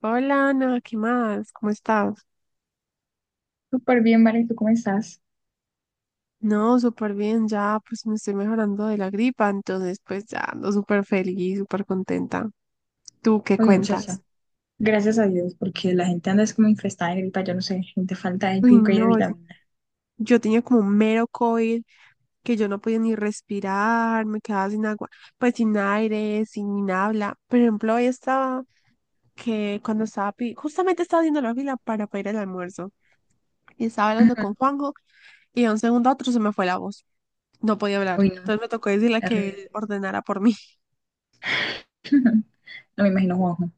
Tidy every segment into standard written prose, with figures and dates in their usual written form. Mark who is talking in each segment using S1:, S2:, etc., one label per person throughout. S1: Hola Ana, ¿qué más? ¿Cómo estás?
S2: Súper bien, Vale, ¿tú cómo estás?
S1: No, súper bien, ya pues me estoy mejorando de la gripa, entonces pues ya ando súper feliz, súper contenta. ¿Tú qué
S2: Oye, muchacha,
S1: cuentas?
S2: gracias a Dios, porque la gente anda es como infestada de gripa, yo no sé, gente falta de
S1: Uy,
S2: yuca y de
S1: no,
S2: vitamina.
S1: yo tenía como un mero COVID que yo no podía ni respirar, me quedaba sin agua, pues sin aire, sin habla. Por ejemplo, hoy estaba que cuando estaba, justamente estaba haciendo la fila para pedir el almuerzo y estaba hablando con Juanjo y de un segundo a otro se me fue la voz. No podía hablar.
S2: Uy, no,
S1: Entonces me tocó decirle que
S2: horrible.
S1: él ordenara por mí.
S2: No me imagino Juanjo.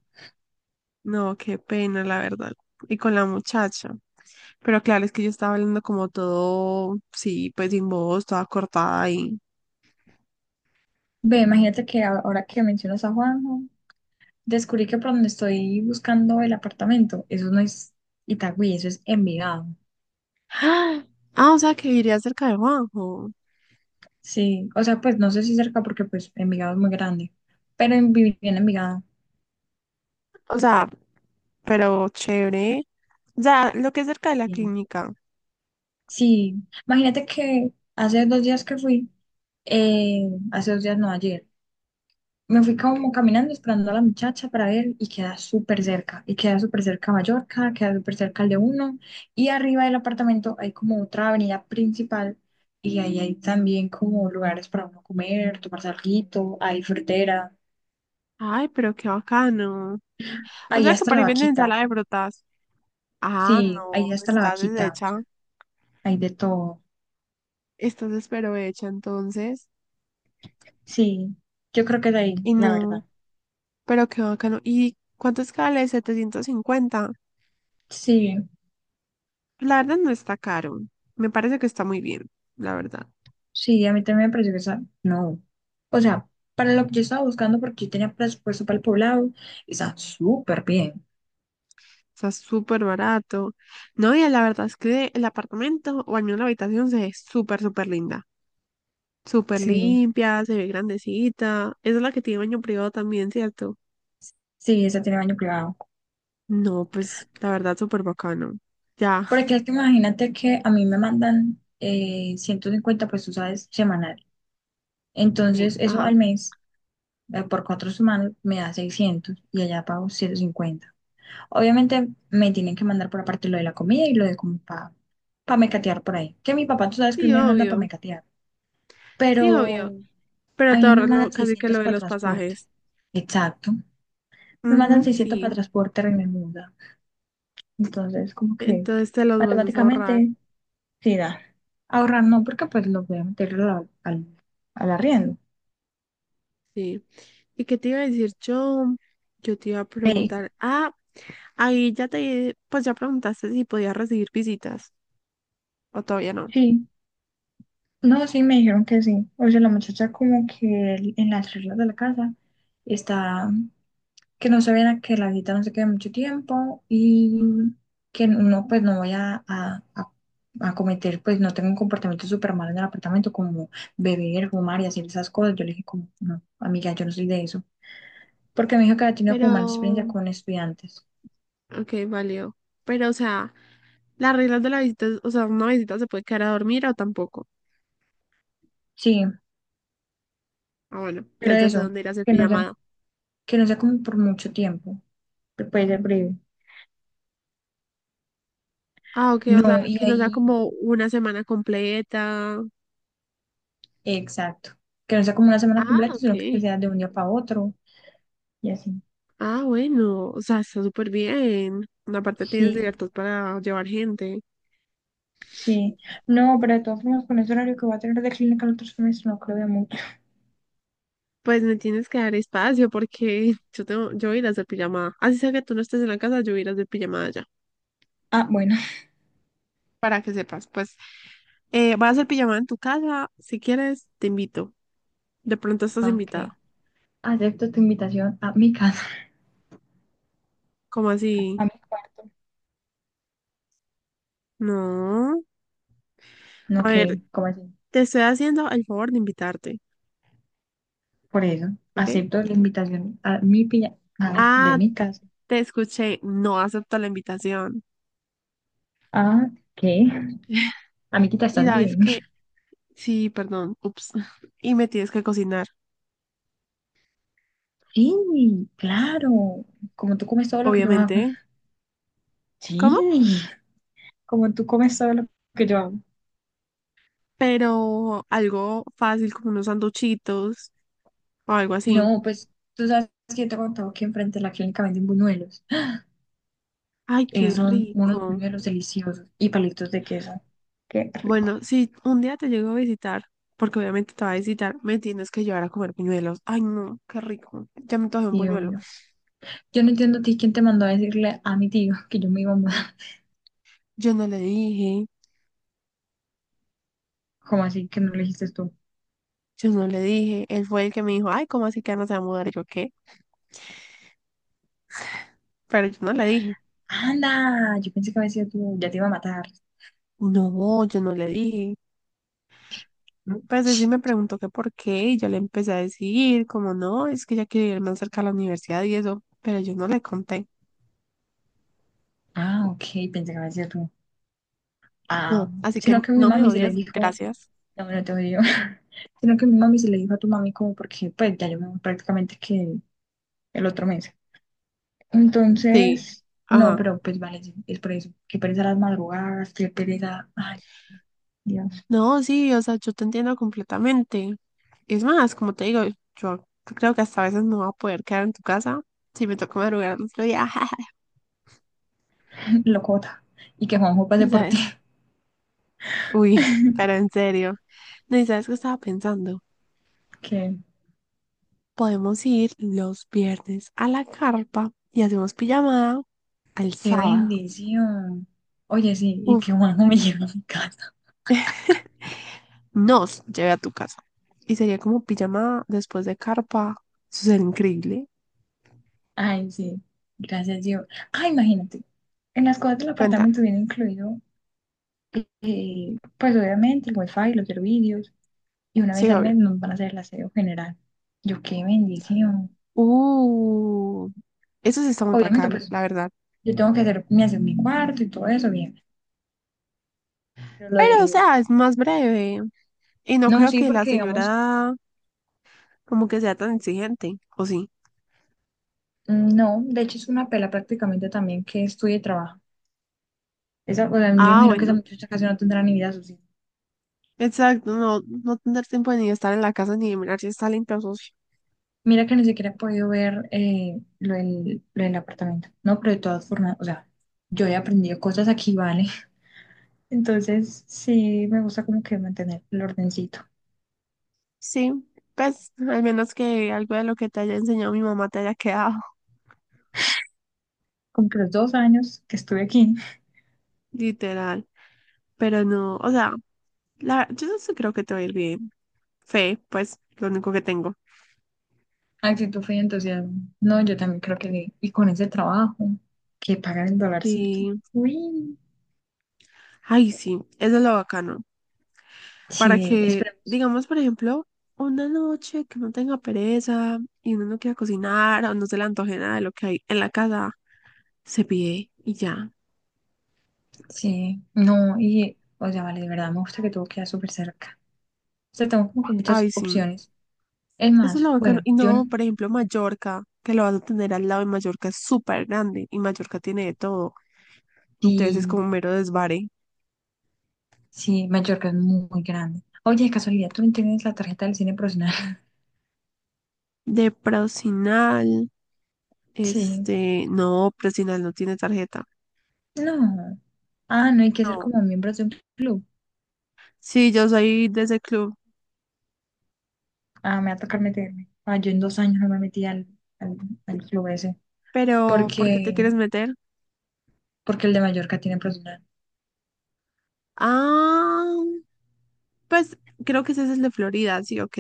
S1: No, qué pena, la verdad. Y con la muchacha. Pero claro, es que yo estaba hablando como todo, sí, pues sin voz, toda cortada y
S2: Ve, imagínate que ahora que mencionas a Juanjo, descubrí que por donde estoy buscando el apartamento, eso no es Itagüí, eso es Envigado.
S1: ah, ah, o sea, que iría cerca de Juanjo.
S2: Sí, o sea, pues no sé si cerca porque pues Envigado es muy grande, pero viví en Envigado.
S1: O sea, pero chévere. O sea, lo que es cerca de la
S2: Bien.
S1: clínica.
S2: Sí, imagínate que hace 2 días que fui, eh, hace 2 días no, ayer. Me fui como caminando esperando a la muchacha para ver y queda súper cerca. Y queda súper cerca Mallorca, queda súper cerca el de uno. Y arriba del apartamento hay como otra avenida principal y ahí hay también como lugares para uno comer, tomar alguito, hay frutera,
S1: Ay, pero qué bacano. O
S2: ahí
S1: sea, que
S2: hasta
S1: para
S2: la
S1: ahí venden
S2: vaquita.
S1: ensalada de frutas. Ah,
S2: Sí, ahí
S1: no,
S2: hasta la
S1: estás
S2: vaquita, o sea,
S1: deshecha.
S2: hay de todo.
S1: Estás pero hecha entonces.
S2: Sí, yo creo que de ahí,
S1: Y
S2: la
S1: no,
S2: verdad.
S1: pero qué bacano. ¿Y cuánto es cada 750?
S2: Sí.
S1: La verdad no está caro. Me parece que está muy bien, la verdad.
S2: Sí, a mí también me pareció que esa, no. O sea, para lo que yo estaba buscando, porque yo tenía presupuesto para el poblado, está súper bien.
S1: Está súper barato. No, y la verdad es que el apartamento, o al menos la habitación, se ve súper, súper linda. Súper
S2: Sí,
S1: limpia, se ve grandecita. Esa es la que tiene baño privado también, ¿cierto?
S2: sí, esa tiene baño privado.
S1: No, pues la verdad, súper bacano. Ya.
S2: Porque es que imagínate que a mí me mandan 150 pues tú sabes, semanal.
S1: Sí,
S2: Entonces, eso
S1: ajá.
S2: al mes, por 4 semanas, me da 600 y allá pago 150. Obviamente, me tienen que mandar por aparte lo de la comida y lo de como para pa mecatear por ahí. Que mi papá, tú sabes que él
S1: Sí,
S2: me manda para
S1: obvio.
S2: mecatear.
S1: Sí, obvio.
S2: Pero.
S1: Pero
S2: A
S1: te
S2: mí me
S1: ahorras
S2: mandan
S1: casi que lo
S2: 600
S1: de
S2: para
S1: los
S2: transporte.
S1: pasajes.
S2: Exacto. Me mandan
S1: Ujú,
S2: 600
S1: sí.
S2: para transporte y me muda. Entonces, como que
S1: Entonces te los vas a ahorrar.
S2: matemáticamente, sí da. Ahorrar no, porque pues lo voy a meter al arriendo.
S1: Sí. ¿Y qué te iba a decir yo? Yo te iba a
S2: Ve,
S1: preguntar. Ah, ahí ya te, pues ya preguntaste si podías recibir visitas o todavía no.
S2: sí. No, sí, me dijeron que sí. O sea, la muchacha como que en las reglas de la casa está que no se viera que la visita no se quede mucho tiempo y que no, pues no voy a cometer, pues no tengo un comportamiento súper malo en el apartamento como beber, fumar y hacer esas cosas. Yo le dije como, no, amiga, yo no soy de eso. Porque me dijo que había tenido
S1: Pero,
S2: como mala experiencia con estudiantes.
S1: ok, valió. Pero, o sea, las reglas de la visita, o sea, una visita se puede quedar a dormir o tampoco.
S2: Sí,
S1: Ah, bueno,
S2: pero
S1: entonces ya sé
S2: eso,
S1: dónde ir a hacer
S2: que no sea,
S1: pijamada.
S2: que no sea como por mucho tiempo, que puede ser breve.
S1: Ah, ok, o sea,
S2: No, y
S1: que nos da
S2: ahí,
S1: como una semana completa.
S2: exacto, que no sea como una semana
S1: Ah,
S2: completa,
S1: ok.
S2: sino que sea de un día para otro y así.
S1: Ah, bueno, o sea, está súper bien. Aparte tienes
S2: Sí.
S1: libertad para llevar gente.
S2: Sí, no, pero de todas formas, con ese horario que voy a tener de clínica el otro semestre, no creo de mucho.
S1: Pues me tienes que dar espacio porque yo tengo, yo voy a ir a hacer pijamada. Así sea que tú no estés en la casa, yo voy a ir a hacer pijamada allá.
S2: Ah, bueno.
S1: Para que sepas, pues voy a hacer pijamada en tu casa. Si quieres, te invito. De pronto estás
S2: Ah, ok.
S1: invitada.
S2: Acepto tu invitación a mi casa.
S1: ¿Cómo así?
S2: a mi cuarto.
S1: No.
S2: No,
S1: A ver,
S2: que, ¿cómo así?
S1: te estoy haciendo el favor de invitarte,
S2: Por eso,
S1: ¿ok?
S2: acepto la invitación a mi piña. De
S1: Ah,
S2: mi casa.
S1: te escuché. No acepto la invitación.
S2: Ah, ¿qué? Amiguita,
S1: Y
S2: ¿estás
S1: sabes
S2: bien?
S1: que, sí, perdón, ups. Y me tienes que cocinar,
S2: Sí, claro, como tú comes todo lo que yo hago.
S1: obviamente.
S2: Sí,
S1: ¿Cómo?
S2: como tú comes todo lo que yo hago.
S1: Pero algo fácil como unos sanduchitos o algo así.
S2: No, pues tú sabes que yo te he contado que enfrente de la clínica venden buñuelos.
S1: Ay, qué
S2: Son unos
S1: rico.
S2: buñuelos deliciosos y palitos de queso. Qué rico.
S1: Bueno, si un día te llego a visitar, porque obviamente te va a visitar, me tienes que llevar a comer buñuelos. Ay, no, qué rico. Ya me antojé un
S2: Sí,
S1: buñuelo.
S2: obvio. Yo no entiendo a ti quién te mandó a decirle a mi tío que yo me iba a mudar.
S1: Yo no le dije,
S2: ¿Cómo así que no le dijiste tú?
S1: yo no le dije. Él fue el que me dijo, ay, ¿cómo así que ya no se va a mudar? Y yo, ¿qué? Pero yo no le dije.
S2: Anda, yo pensé que había sido tú, ya te iba a matar.
S1: No, yo no le dije.
S2: ¿No?
S1: Pues él sí me preguntó que por qué, y yo le empecé a decir, como no, es que ya quiere ir más cerca a la universidad y eso, pero yo no le conté.
S2: Ah, ok, pensé que había sido tú. Ah,
S1: No, así que
S2: sino que mi
S1: no me
S2: mami se le
S1: odias,
S2: dijo,
S1: gracias.
S2: no, no te odio, sino que mi mami se le dijo a tu mami como porque pues ya yo me voy prácticamente que el otro mes.
S1: Sí,
S2: Entonces, no,
S1: ajá.
S2: pero pues vale, sí, es por eso, qué pereza las madrugadas, qué pereza, ay, Dios,
S1: No, sí, o sea, yo te entiendo completamente. Es más, como te digo, yo creo que hasta a veces no voy a poder quedar en tu casa si me toca madrugar el otro día.
S2: locota. Y que Juanjo pase
S1: Y
S2: por ti.
S1: sabes, uy, pero en serio. No, y sabes qué estaba pensando.
S2: Qué,
S1: Podemos ir los viernes a la carpa y hacemos pijamada al
S2: qué
S1: sábado.
S2: bendición. Oye, sí, y
S1: Uf,
S2: que Juanjo me lleve a mi casa.
S1: nos llevé a tu casa. Y sería como pijamada después de carpa. Eso sería increíble.
S2: Ay, sí. Gracias, Dios. Ah, imagínate. En las cosas del
S1: Cuenta.
S2: apartamento viene incluido, pues obviamente, el wifi, los servicios. Y una
S1: Sí,
S2: vez al mes
S1: obvio.
S2: nos van a hacer el aseo general. Yo, qué bendición.
S1: Uh, eso sí está muy
S2: Obviamente,
S1: bacano,
S2: pues
S1: la verdad.
S2: yo tengo que hacer mi aseo en mi cuarto y todo eso, bien. Pero lo
S1: Pero, o
S2: de.
S1: sea, es más breve. Y no
S2: No,
S1: creo
S2: sí,
S1: que la
S2: porque digamos,
S1: señora como que sea tan exigente, ¿o sí?
S2: no, de hecho es una pela prácticamente también que estudie y trabaja. Esa, o sea, yo
S1: Ah,
S2: imagino que esa
S1: bueno.
S2: muchacha casi no tendrá ni vida social.
S1: Exacto, no, no tener tiempo de ni estar en la casa ni de mirar si está limpio socio.
S2: Mira que ni siquiera he podido ver lo del apartamento. No, pero de todas formas, o sea, yo he aprendido cosas aquí, ¿vale? Entonces, sí, me gusta como que mantener el ordencito.
S1: Sí, pues, al menos que algo de lo que te haya enseñado mi mamá te haya quedado.
S2: Como que los 2 años que estuve aquí,
S1: Literal. Pero no, o sea, yo no sé, creo que te va a ir bien. Fe, pues, lo único que tengo.
S2: actitud fue entusiasmo. No, yo también creo que sí. Y con ese trabajo, que pagan el dolarcito.
S1: Sí.
S2: Uy.
S1: Ay, sí, eso es lo bacano. Para
S2: Sí,
S1: que,
S2: esperemos.
S1: digamos, por ejemplo, una noche que no tenga pereza y uno no quiera cocinar o no se le antoje nada de lo que hay en la casa, se pide y ya.
S2: Sí, no, y, o sea, vale, de verdad me gusta que todo queda súper cerca. O sea, tengo como que
S1: Ay,
S2: muchas
S1: sí,
S2: opciones. Es
S1: eso es
S2: más,
S1: lo bacano.
S2: bueno,
S1: Y no, por ejemplo, Mallorca, que lo vas a tener al lado y Mallorca es súper grande y Mallorca tiene de todo. Entonces es
S2: sí,
S1: como un mero desvare.
S2: sí, Mallorca es muy, muy grande. Oye, de casualidad, ¿tú no tienes la tarjeta del cine profesional?
S1: De Procinal,
S2: Sí.
S1: no, Procinal no tiene tarjeta.
S2: No. Ah, no hay que ser
S1: No.
S2: como miembros de un club.
S1: Sí, yo soy de ese club,
S2: Ah, me va a tocar meterme. Ah, yo en 2 años no me metí al, al club ese.
S1: pero ¿por qué te
S2: Porque,
S1: quieres meter?
S2: porque el de Mallorca tiene profesional.
S1: Ah, pues creo que ese es el de Florida, sí, ok.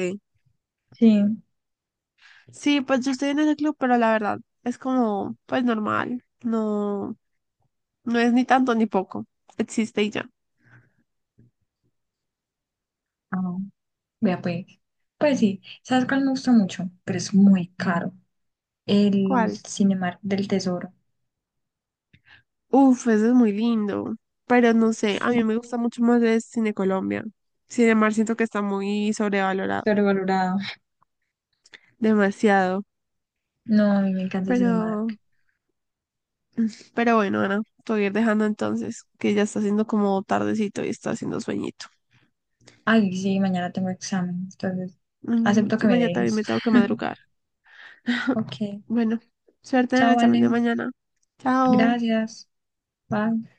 S2: Sí.
S1: Sí, pues yo estoy en ese club, pero la verdad es como, pues normal. No, no es ni tanto ni poco. Existe y ya.
S2: Ah, vea pues. Pues sí, ¿sabes cuál me gusta mucho? Pero es muy caro. El
S1: ¿Cuál?
S2: Cinemark del Tesoro.
S1: Uf, ese es muy lindo. Pero no sé, a mí me gusta mucho más el Cine Colombia. Cinemar siento que está muy sobrevalorado.
S2: Sobrevalorado.
S1: Demasiado.
S2: No, a mí me encanta el
S1: Pero,
S2: Cinemark.
S1: pero bueno, Ana, te voy a ir dejando entonces, que ya está haciendo como tardecito y está haciendo sueñito.
S2: Ay, sí, mañana tengo examen, entonces
S1: Mm,
S2: acepto que
S1: yo
S2: me
S1: mañana también
S2: dejes.
S1: me tengo que madrugar.
S2: Ok,
S1: Bueno, suerte en el
S2: chao,
S1: examen de
S2: Valen.
S1: mañana. Chao.
S2: Gracias. Bye.